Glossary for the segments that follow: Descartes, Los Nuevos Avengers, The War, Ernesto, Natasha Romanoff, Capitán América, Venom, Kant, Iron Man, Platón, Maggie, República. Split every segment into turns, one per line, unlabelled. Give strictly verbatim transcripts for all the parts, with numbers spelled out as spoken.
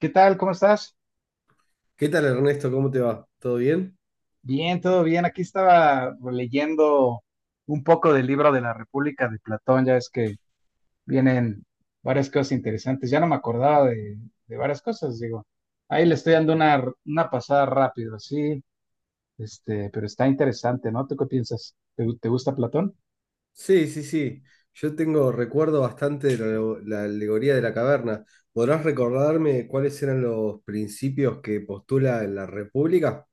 ¿Qué tal? ¿Cómo estás?
¿Qué tal, Ernesto? ¿Cómo te va? ¿Todo bien?
Bien, todo bien. Aquí estaba leyendo un poco del libro de la República de Platón. Ya ves que vienen varias cosas interesantes. Ya no me acordaba de, de varias cosas, digo. Ahí le estoy dando una, una pasada rápido, así, este, pero está interesante, ¿no? ¿Tú qué piensas? ¿Te, te gusta Platón?
Sí, sí, sí. Yo tengo recuerdo bastante de la, la alegoría de la caverna. ¿Podrás recordarme cuáles eran los principios que postula en la República?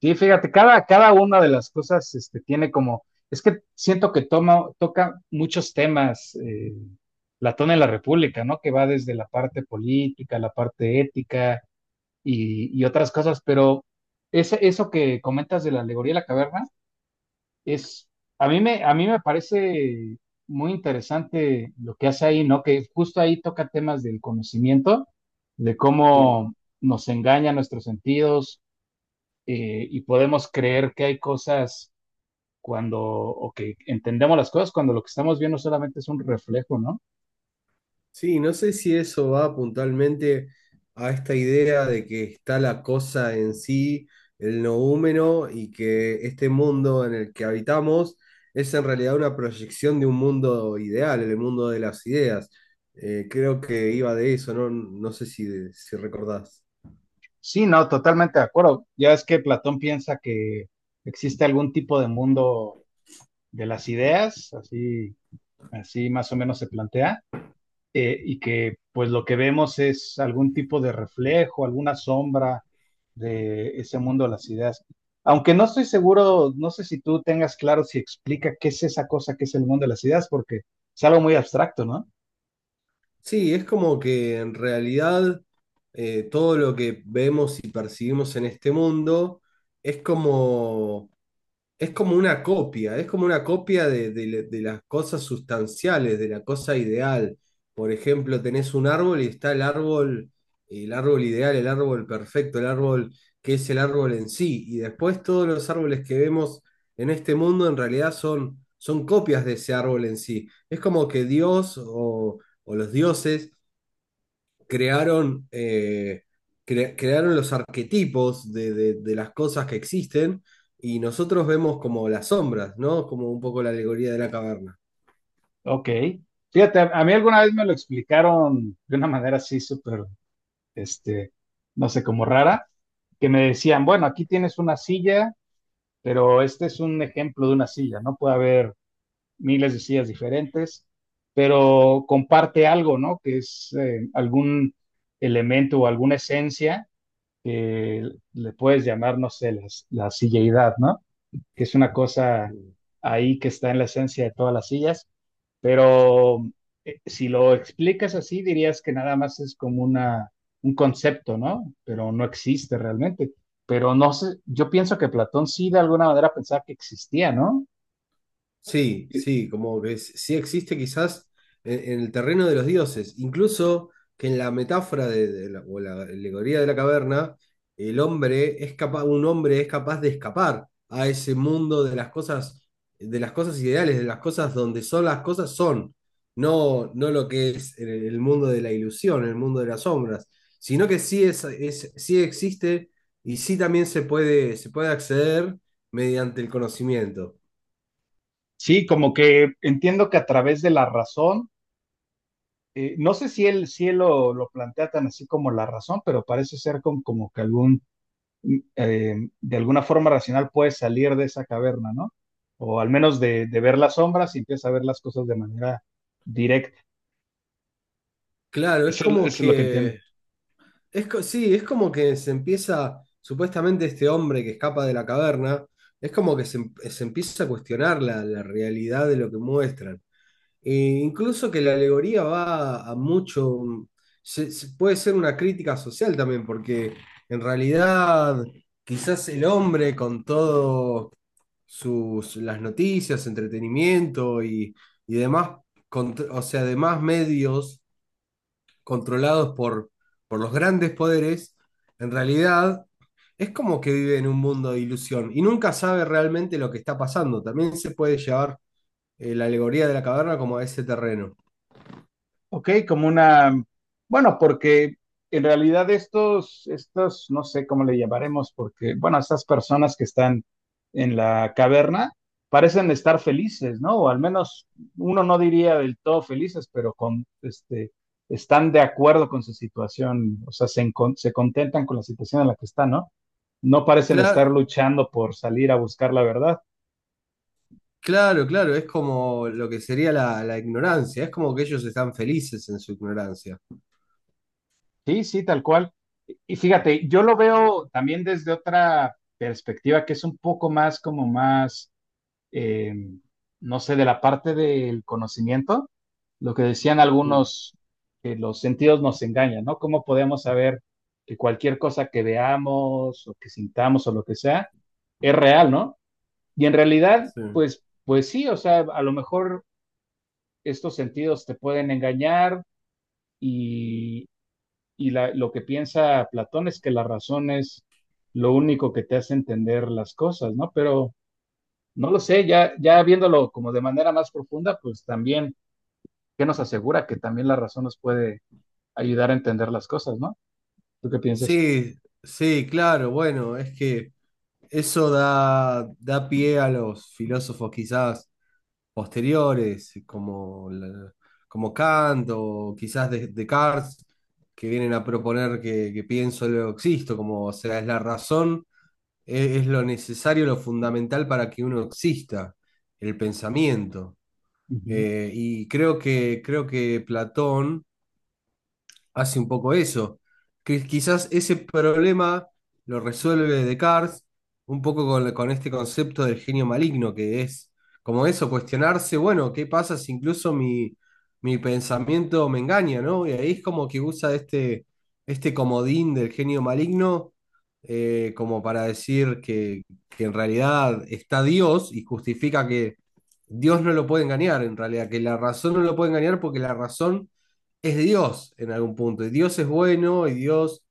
Sí, fíjate, cada, cada una de las cosas este, tiene como, es que siento que toma, toca muchos temas eh, Platón en la República, ¿no? Que va desde la parte política, la parte ética y, y otras cosas, pero ese- eso que comentas de la alegoría de la caverna es, a mí me, a mí me parece muy interesante lo que hace ahí, ¿no? Que justo ahí toca temas del conocimiento, de cómo nos engaña nuestros sentidos eh, y podemos creer que hay cosas cuando, o que entendemos las cosas cuando lo que estamos viendo solamente es un reflejo, ¿no?
Sí, no sé si eso va puntualmente a esta idea de que está la cosa en sí, el noúmeno, y que este mundo en el que habitamos es en realidad una proyección de un mundo ideal, el mundo de las ideas. Eh, creo que iba de eso, no, no sé si, si recordás.
Sí, no, totalmente de acuerdo. Ya es que Platón piensa que existe algún tipo de mundo de las ideas, así, así más o menos se plantea, eh, y que pues lo que vemos es algún tipo de reflejo, alguna sombra de ese mundo de las ideas. Aunque no estoy seguro, no sé si tú tengas claro si explica qué es esa cosa que es el mundo de las ideas, porque es algo muy abstracto, ¿no?
Sí, es como que en realidad eh, todo lo que vemos y percibimos en este mundo es como es como una copia, es como una copia de, de de las cosas sustanciales, de la cosa ideal. Por ejemplo, tenés un árbol y está el árbol, el árbol ideal, el árbol perfecto, el árbol que es el árbol en sí. Y después todos los árboles que vemos en este mundo en realidad son, son copias de ese árbol en sí. Es como que Dios o, o los dioses crearon, eh, cre- crearon los arquetipos de, de- de las cosas que existen y nosotros vemos como las sombras, ¿no? Como un poco la alegoría de la caverna.
Ok. Fíjate, a a mí alguna vez me lo explicaron de una manera así súper, este, no sé, como rara, que me decían, bueno, aquí tienes una silla, pero este es un ejemplo de una silla, no puede haber miles de sillas diferentes, pero comparte algo, ¿no? Que es eh, algún elemento o alguna esencia que le puedes llamar, no sé, las- la silleidad, ¿no? Que es una cosa ahí que está en la esencia de todas las sillas, pero eh, si lo explicas así, dirías que nada más es como una, un concepto, ¿no? Pero no existe realmente. Pero no sé, yo pienso que Platón sí de alguna manera pensaba que existía, ¿no?
Sí, sí, como que s- sí existe quizás en, en el terreno de los dioses, incluso que en la metáfora de, de la, o la alegoría de la caverna, el hombre es capaz, un hombre es capaz de escapar a ese mundo de las cosas, de las cosas ideales, de las cosas donde son las cosas son, no, no lo que es el, el mundo de la ilusión, el mundo de las sombras, sino que sí es, es, sí existe y sí también se puede, se puede acceder mediante el conocimiento.
Sí, como que entiendo que a través de la razón, eh, no sé si él, si él lo, lo plantea tan así como la razón, pero parece ser con, como que algún, mm, eh, de alguna forma racional puedes salir de esa caverna, ¿no? O al menos de, de ver las sombras y empieza a ver las cosas de manera directa.
Claro, es
Eso, es- eso
como
es lo que entiendo.
que, es, co- sí, es como que se empieza, supuestamente este hombre que escapa de la caverna, es como que se, em- se empieza a cuestionar la, la realidad de lo que muestran. E incluso que la alegoría va a, a mucho, mm, se- se- puede ser una crítica social también, porque en realidad quizás el hombre con todo sus, las noticias, entretenimiento y, y demás, con- o sea, demás medios controlados por, por los grandes poderes, en realidad es como que vive en un mundo de ilusión y nunca sabe realmente lo que está pasando. También se puede llevar eh, la alegoría de la caverna como a ese terreno.
Ok, como una, bueno, porque en realidad estos, estos, no sé cómo le llamaremos, porque, bueno, estas personas que están en la caverna parecen estar felices, ¿no? O al menos uno no diría del todo felices, pero con, este, están de acuerdo con su situación, o sea, se, encon- se contentan con la situación en la que están, ¿no? No parecen estar
Claro,
luchando por salir a buscar la verdad.
claro, claro, es como lo que sería la, la ignorancia, es como que ellos están felices en su ignorancia.
Sí, sí, tal cual. Y fíjate, yo lo veo también desde otra perspectiva que es un poco más como más, eh, no sé, de la parte del conocimiento, lo que decían
Mm,
algunos, que los sentidos nos engañan, ¿no? ¿Cómo podemos saber que cualquier cosa que veamos o que sintamos o lo que sea es real, ¿no? Y en realidad,
sí.
pues, pues sí, o sea, a lo mejor estos sentidos te pueden engañar y la- lo que piensa Platón es que la razón es lo único que te hace entender las cosas, ¿no? Pero no lo sé, ya, ya viéndolo como de manera más profunda, pues también, ¿qué nos asegura que también la razón nos puede ayudar a entender las cosas, ¿no? ¿Tú qué piensas?
Sí, sí, claro, bueno, es que eso da, da pie a los filósofos quizás posteriores, como, la- como Kant o quizás de- Descartes, que vienen a proponer que, que pienso, luego existo, como, o sea, es la razón, e- es lo necesario, lo fundamental para que uno exista, el pensamiento.
Ujú.
Eh, y creo que, creo que Platón hace un poco eso, que quizás ese problema lo resuelve Descartes un poco con, con este concepto del genio maligno, que es como eso, cuestionarse, bueno, ¿qué pasa si incluso mi, mi pensamiento me engaña, ¿no? Y ahí es como que usa este, este comodín del genio maligno eh, como para decir que, que en realidad está Dios y justifica que Dios no lo puede engañar, en realidad, que la razón no lo puede engañar porque la razón es Dios en algún punto, y Dios es bueno, y Dios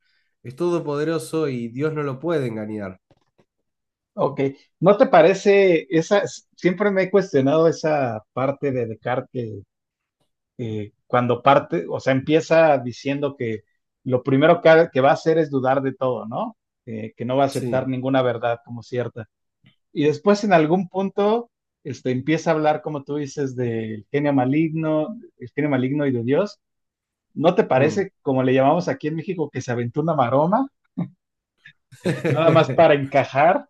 es todopoderoso, y Dios no lo puede engañar.
Ok, ¿no te parece esa? Siempre me he cuestionado esa parte de Descartes eh, cuando parte, o sea, empieza diciendo que lo primero que, que va a hacer es dudar de todo, ¿no? Eh, que no va a aceptar
Sí.
ninguna verdad como cierta. Y después en algún punto este, empieza a hablar, como tú dices, del genio maligno, el genio maligno y de Dios. ¿No te
Mm.
parece, como le llamamos aquí en México, que se aventó una maroma? Nada más para encajar.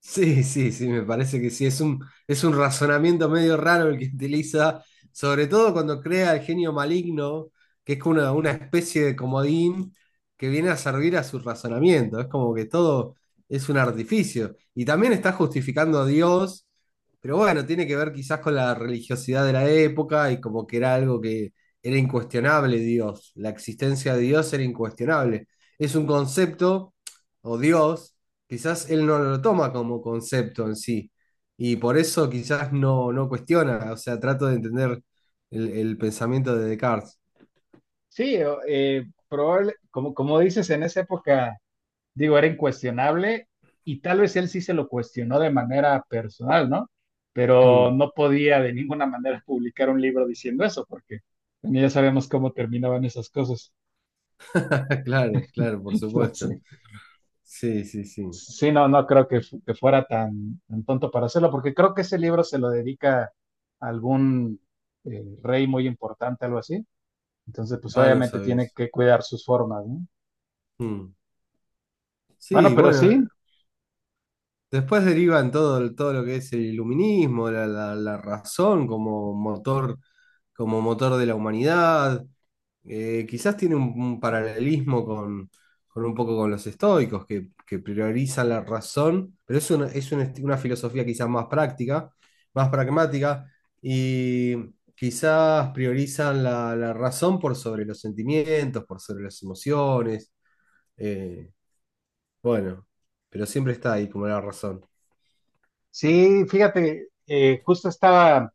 Sí, sí, sí, me parece que sí. Es un, es un razonamiento medio raro el que utiliza, sobre todo cuando crea el genio maligno, que es una, una especie de comodín que viene a servir a su razonamiento. Es como que todo es un artificio. Y también está justificando a Dios, pero bueno, tiene que ver quizás con la religiosidad de la época y como que era algo que era incuestionable Dios. La existencia de Dios era incuestionable. Es un concepto, o Dios quizás él no lo toma como concepto en sí. Y por eso quizás no, no cuestiona, o sea, trato de entender el, el pensamiento de Descartes.
Sí, eh, probable, como, como dices, en esa época digo, era incuestionable y tal vez él sí se lo cuestionó de manera personal, ¿no? Pero
Mm.
no podía de ninguna manera publicar un libro diciendo eso, porque ya sabemos cómo terminaban esas cosas.
Claro, claro, por supuesto.
Entonces,
Sí, sí, sí.
sí, no, no creo que, fu- que fuera tan, tan tonto para hacerlo, porque creo que ese libro se lo dedica a algún eh, rey muy importante, algo así. Entonces, pues
Ah, no
obviamente tiene
sabes.
que cuidar sus formas, ¿no? Bueno,
Sí,
pero
bueno,
sí,
después derivan todo, el- todo lo que es el iluminismo, la, la- la razón como motor, como motor de la humanidad. Eh, quizás tiene un, un paralelismo con, con un poco con los estoicos, que, que priorizan la razón, pero es una, es un esti- una filosofía quizás más práctica, más pragmática, y quizás priorizan la, la razón por sobre los sentimientos, por sobre las emociones. eh, bueno, pero siempre está ahí como la razón.
sí, fíjate, eh, justo estaba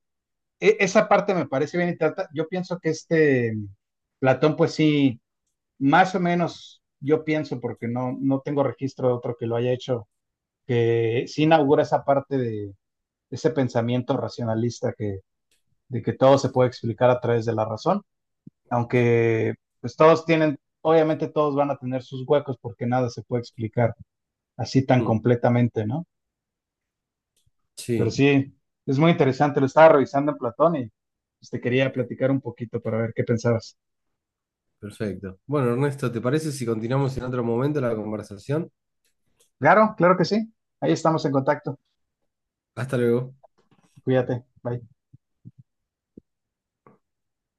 e- esa parte me parece bien y trata, yo pienso que este Platón, pues sí, más o menos, yo pienso, porque no, no tengo registro de otro que lo haya hecho, que sí inaugura esa parte de ese pensamiento racionalista que, de que todo se puede explicar a través de la razón, aunque pues todos tienen, obviamente todos van a tener sus huecos porque nada se puede explicar así tan
Mm.
completamente, ¿no? Pero
Sí,
sí, es muy interesante, lo estaba revisando en Platón y pues, te quería platicar un poquito para ver qué pensabas.
perfecto. Bueno, Ernesto, ¿te parece si continuamos en otro momento la conversación?
Claro, claro que sí. Ahí estamos en contacto.
Hasta luego.
Cuídate. Bye.